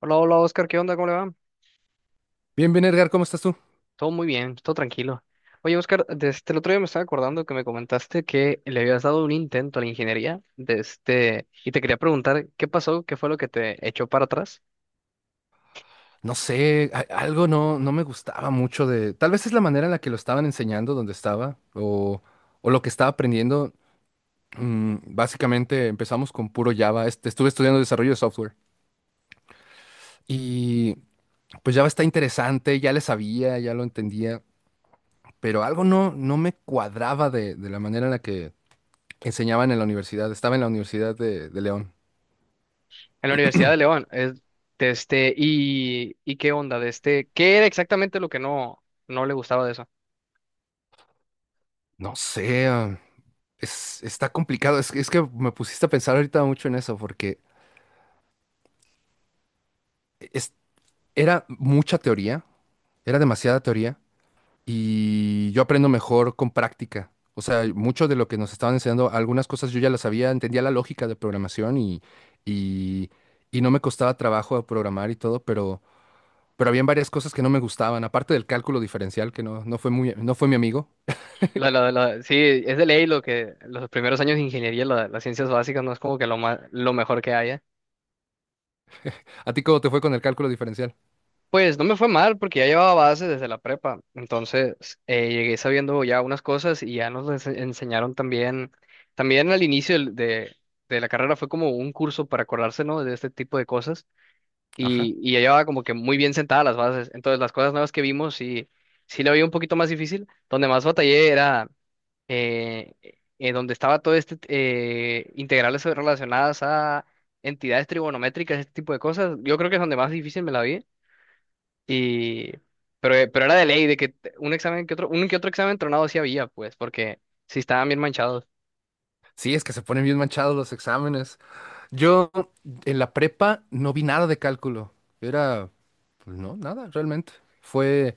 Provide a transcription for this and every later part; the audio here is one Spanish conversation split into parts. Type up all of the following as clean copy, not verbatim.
Hola, hola Oscar, ¿qué onda? ¿Cómo le va? Bien, bien, Edgar, ¿cómo estás tú? Todo muy bien, todo tranquilo. Oye Oscar, desde el otro día me estaba acordando que me comentaste que le habías dado un intento a la ingeniería y te quería preguntar qué pasó, qué fue lo que te echó para atrás No sé, algo no me gustaba mucho de. Tal vez es la manera en la que lo estaban enseñando donde estaba o lo que estaba aprendiendo. Básicamente empezamos con puro Java. Estuve estudiando desarrollo de software y pues Java está interesante, ya le sabía, ya lo entendía, pero algo no me cuadraba de la manera en la que enseñaban en la universidad. Estaba en la Universidad de León. en la Universidad de León. Y, qué onda, ¿qué era exactamente lo que no le gustaba de eso? No sé, es, está complicado. Es que me pusiste a pensar ahorita mucho en eso porque… Era mucha teoría, era demasiada teoría y yo aprendo mejor con práctica. O sea, mucho de lo que nos estaban enseñando, algunas cosas yo ya las sabía, entendía la lógica de programación y, y no me costaba trabajo programar y todo, pero habían varias cosas que no me gustaban, aparte del cálculo diferencial, que no, no fue muy, no fue mi amigo. Sí, es de ley lo que los primeros años de ingeniería, las ciencias básicas, no es como que lo mejor que haya. ¿A ti cómo te fue con el cálculo diferencial? Pues no me fue mal porque ya llevaba bases desde la prepa, entonces llegué sabiendo ya unas cosas y ya nos les enseñaron también, también al inicio de la carrera fue como un curso para acordarse, ¿no? De este tipo de cosas Ajá. y, ya llevaba como que muy bien sentadas las bases, entonces las cosas nuevas que vimos sí la veía un poquito más difícil, donde más batallé era eh, donde estaba todo integrales relacionadas a entidades trigonométricas, este tipo de cosas, yo creo que es donde más difícil me la vi. Y, pero era de ley, de que un examen que otro, un que otro examen tronado sí había, pues, porque sí estaban bien manchados. Sí, es que se ponen bien manchados los exámenes. Yo en la prepa no vi nada de cálculo. Era, pues no, nada realmente. Fue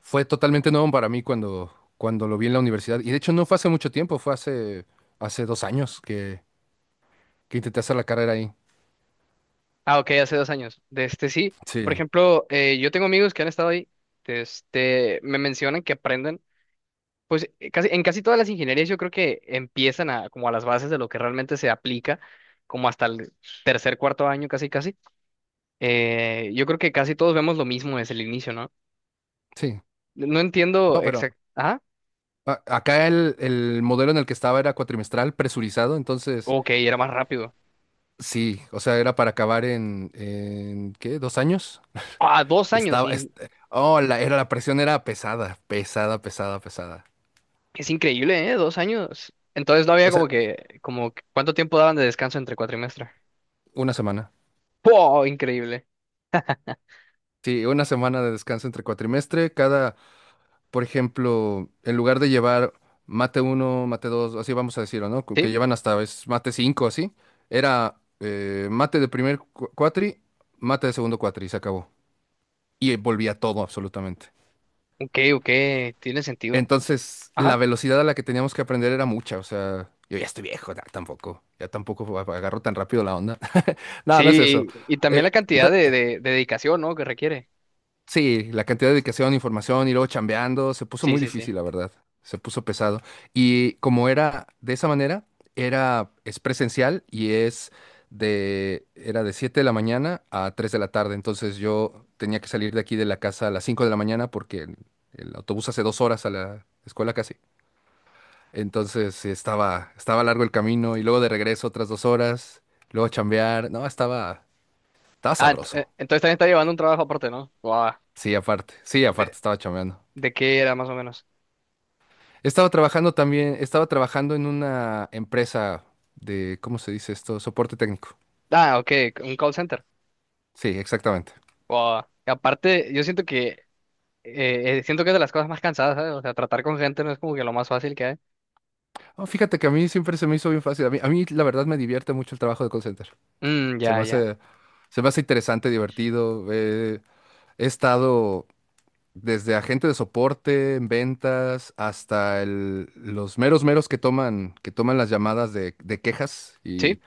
Fue totalmente nuevo para mí cuando, cuando lo vi en la universidad. Y de hecho no fue hace mucho tiempo, fue hace, hace 2 años que intenté hacer la carrera ahí. Ah, ok, hace 2 años. De este Sí, Sí, por ejemplo, yo tengo amigos que han estado ahí, me mencionan que aprenden, pues, casi, en casi todas las ingenierías yo creo que empiezan a, como a las bases de lo que realmente se aplica, como hasta el tercer, cuarto año, casi, casi. Yo creo que casi todos vemos lo mismo desde el inicio, ¿no? sí. No entiendo No, pero exactamente. Ah, acá el modelo en el que estaba era cuatrimestral, presurizado, entonces ok, era más rápido. sí, o sea, era para acabar en, ¿en qué? ¿2 años? Ah, 2 años. Estaba, oh, la, era, la presión era pesada, pesada, pesada, pesada. Es increíble, ¿eh? 2 años. Entonces no había O como sea, que, como, ¿cuánto tiempo daban de descanso entre cuatrimestres? una semana. ¡Wow! Increíble. Sí, una semana de descanso entre cuatrimestre, cada, por ejemplo, en lugar de llevar mate uno mate 2 así vamos a decirlo, ¿no? Que Sí, llevan hasta a veces mate 5 así, era mate de primer cuatri, mate de segundo cuatri, y se acabó. Y volvía todo absolutamente. ok, ok, tiene sentido. Entonces, la Ajá. velocidad a la que teníamos que aprender era mucha, o sea, yo ya estoy viejo, ya tampoco agarro tan rápido la onda. No, no es eso. Sí, y, también Eh, la cantidad no- de, de dedicación, ¿no? Que requiere. Sí, la cantidad de dedicación, información y luego chambeando, se puso Sí, muy sí, sí. difícil, la verdad. Se puso pesado. Y como era de esa manera, era, es presencial y es de, era de 7 de la mañana a 3 de la tarde. Entonces yo tenía que salir de aquí de la casa a las 5 de la mañana porque el autobús hace 2 horas a la escuela casi. Entonces sí, estaba, estaba largo el camino y luego de regreso otras 2 horas, luego chambear. No, estaba, estaba Ah, sabroso. entonces también está llevando un trabajo aparte, ¿no? ¡Wow! Sí, ¿De, aparte, estaba chambeando. de qué era más o menos? Estaba trabajando también, estaba trabajando en una empresa de, ¿cómo se dice esto? Soporte técnico. Ah, ok, un call center. Sí, exactamente. ¡Wow! Y aparte, yo siento que es de las cosas más cansadas, ¿sabes? O sea, tratar con gente no es como que lo más fácil que hay. Ah, fíjate que a mí siempre se me hizo bien fácil. La verdad me divierte mucho el trabajo de call center. Mm, Se me ya, ya. hace, se me hace interesante, divertido. He estado desde agente de soporte en ventas hasta los meros meros que toman las llamadas de quejas Sí,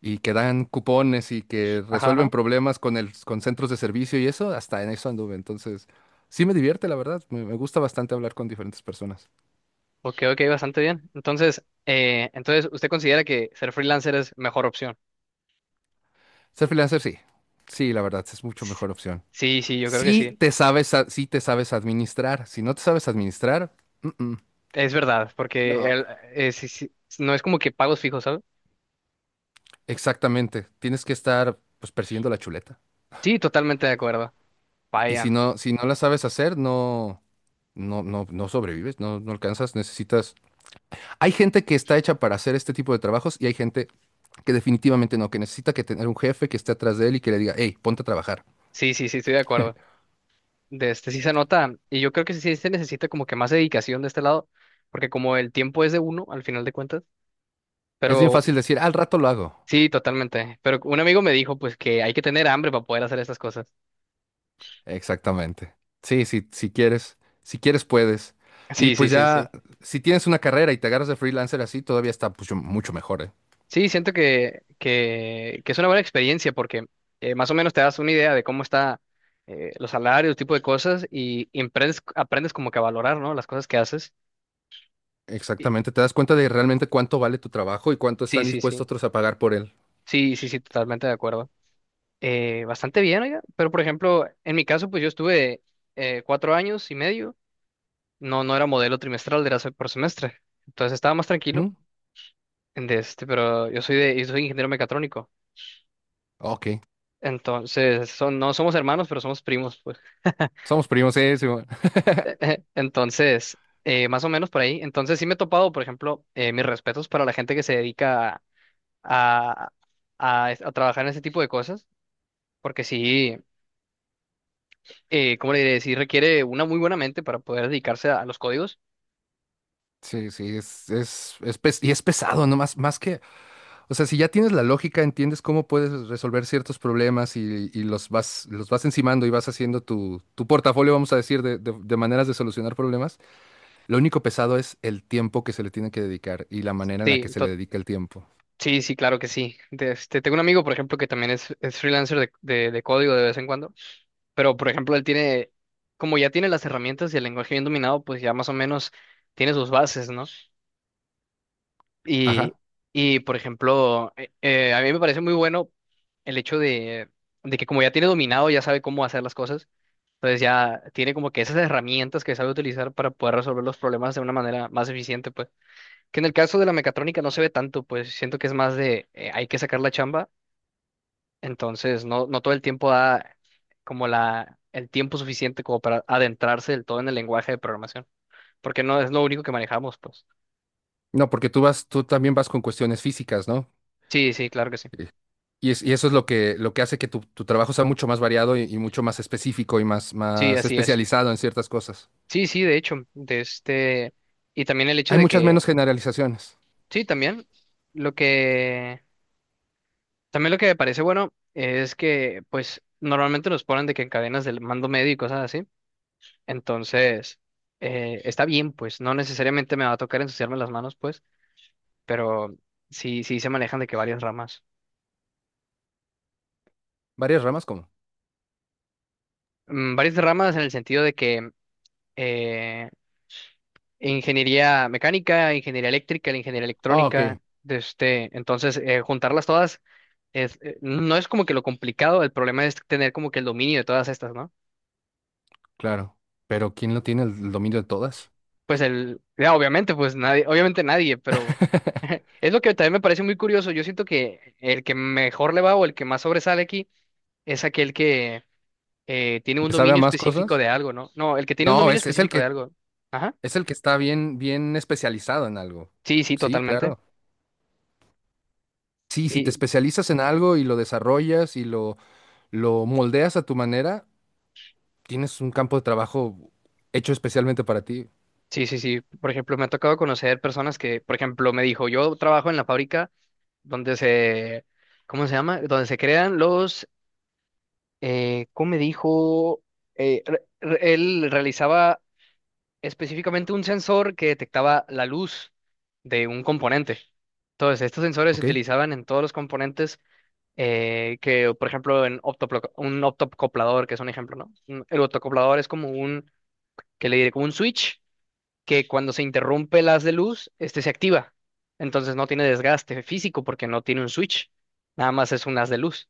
y que dan cupones y que ajá, resuelven ajá. problemas con el, con centros de servicio y eso, hasta en eso anduve. Entonces, sí me divierte, la verdad. Me gusta bastante hablar con diferentes personas. Ok, ok, bastante bien. Entonces, entonces, ¿usted considera que ser freelancer es mejor opción? Ser freelancer, sí. Sí, la verdad, es mucho S- mejor opción. Sí, sí, yo creo que Si sí. te sabes, sí te sabes administrar. Si no te sabes administrar, mm, mm, Es verdad, porque no, sí, sí, no es como que pagos fijos, ¿sabes? exactamente. Tienes que estar, pues, persiguiendo la chuleta. Sí, totalmente de acuerdo. Y si Vayan. no, si no la sabes hacer, no sobrevives, no, no alcanzas, necesitas. Hay gente que está hecha para hacer este tipo de trabajos y hay gente que definitivamente no, que necesita que tener un jefe que esté atrás de él y que le diga, hey, ponte a trabajar. Sí, sí, sí, estoy de acuerdo. De este Sí se nota, y yo creo que sí se necesita como que más dedicación de este lado, porque como el tiempo es de uno, al final de cuentas, Es bien pero fácil decir, al rato lo hago. sí, totalmente. Pero un amigo me dijo, pues, que hay que tener hambre para poder hacer estas cosas. Exactamente. Sí, sí, si quieres, si quieres puedes. Y Sí, sí, pues sí, sí. ya, si tienes una carrera y te agarras de freelancer así, todavía está pues, mucho mejor, ¿eh? Sí, siento que, que es una buena experiencia porque más o menos te das una idea de cómo está los salarios, tipo de cosas y, aprendes, como que a valorar, ¿no? Las cosas que haces. Y- Exactamente, te das cuenta de realmente cuánto vale tu trabajo y cuánto sí, están sí, dispuestos sí. otros a pagar por él. Sí, sí, sí, totalmente de acuerdo. Bastante bien, oiga. Pero por ejemplo, en mi caso, pues yo estuve 4 años y medio. No, no era modelo trimestral, era por semestre. Entonces estaba más tranquilo. ¿Mm? Pero yo soy ingeniero mecatrónico. Ok, Entonces, no somos hermanos, pero somos primos, pues. somos primos, sí, sí, bueno. Entonces, más o menos por ahí. Entonces sí me he topado, por ejemplo, mis respetos para la gente que se dedica a, a trabajar en ese tipo de cosas, porque sí, ¿cómo le diré? Sí requiere una muy buena mente para poder dedicarse a, los códigos. Sí, sí, es y es pesado, ¿no? Más, más que… O sea, si ya tienes la lógica, entiendes cómo puedes resolver ciertos problemas y los vas encimando y vas haciendo tu, tu portafolio, vamos a decir, de maneras de solucionar problemas. Lo único pesado es el tiempo que se le tiene que dedicar y la manera en la que Sí, se le dedica el tiempo. sí, sí, claro que sí. Tengo un amigo, por ejemplo, que también es freelancer de código de vez en cuando, pero, por ejemplo, él tiene, como ya tiene las herramientas y el lenguaje bien dominado, pues ya más o menos tiene sus bases, ¿no? Y, Ajá. y por ejemplo, a mí me parece muy bueno el hecho de que como ya tiene dominado, ya sabe cómo hacer las cosas, entonces ya tiene como que esas herramientas que sabe utilizar para poder resolver los problemas de una manera más eficiente, pues. Que en el caso de la mecatrónica no se ve tanto, pues siento que es más de hay que sacar la chamba, entonces no, no todo el tiempo da como el tiempo suficiente como para adentrarse del todo en el lenguaje de programación, porque no es lo único que manejamos, pues. No, porque tú vas, tú también vas con cuestiones físicas, ¿no? Sí, sí, claro que sí. Eh, y eso es lo que hace que tu trabajo sea mucho más variado y mucho más específico y más, Sí, más así es. especializado en ciertas cosas. Sí, sí, de hecho, y también el hecho Hay de muchas que, menos generalizaciones. sí, lo que, también lo que me parece bueno es que, pues, normalmente nos ponen de que en cadenas del mando medio y cosas así, entonces, está bien, pues, no necesariamente me va a tocar ensuciarme las manos, pues, pero sí, sí se manejan de que varias ramas. ¿Varias ramas cómo? Mm, varias ramas en el sentido de que eh, ingeniería mecánica, ingeniería eléctrica, la ingeniería Ah, ok. electrónica, entonces, juntarlas todas. No es como que lo complicado, el problema es tener como que el dominio de todas estas, ¿no? Claro, pero ¿quién lo tiene el dominio de todas? Pues ya, obviamente, pues nadie, obviamente nadie, pero es lo que también me parece muy curioso. Yo siento que el que mejor le va o el que más sobresale aquí es aquel que tiene un ¿Le sabe a dominio más específico cosas? de algo, ¿no? No, el que tiene un No, dominio específico de algo. Ajá. es el que está bien, bien especializado en algo. Sí, sí, Sí, totalmente. claro. Sí, si te Y especializas en algo y lo desarrollas lo moldeas a tu manera, tienes un campo de trabajo hecho especialmente para ti, sí, sí, sí. Por ejemplo, me ha tocado conocer personas que, por ejemplo, me dijo, yo trabajo en la fábrica donde se, ¿cómo se llama? Donde se crean los ¿cómo me dijo? Él realizaba específicamente un sensor que detectaba la luz de un componente. Entonces, estos sensores se ¿ok? utilizaban en todos los componentes que, por ejemplo, en un optocoplador, que es un ejemplo, ¿no? El optocoplador es que le diré, como un switch que cuando se interrumpe el haz de luz, este se activa. Entonces no tiene desgaste físico porque no tiene un switch, nada más es un haz de luz.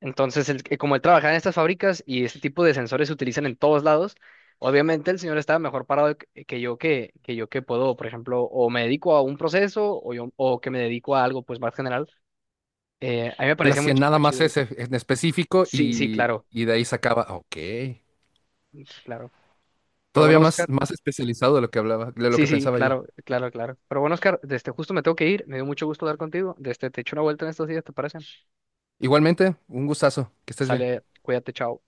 Entonces, como él trabajaba en estas fábricas y este tipo de sensores se utilizan en todos lados, obviamente el señor estaba mejor parado que que yo que puedo, por ejemplo, o me dedico a un proceso o que me dedico a algo pues más general. A mí me Él parecía muy, hacía nada muy más chido eso. ese en específico Sí, sí, claro, y de ahí sacaba, ah, ok. mm, claro. Pero Todavía bueno, más, Oscar, más especializado de lo que hablaba, de lo sí, que sí, pensaba yo. claro, claro, claro. Pero bueno, Oscar, desde justo me tengo que ir, me dio mucho gusto hablar contigo. Desde te echo una vuelta en estos días, ¿te parece? Igualmente, un gustazo, que estés bien. Sale, cuídate, chao.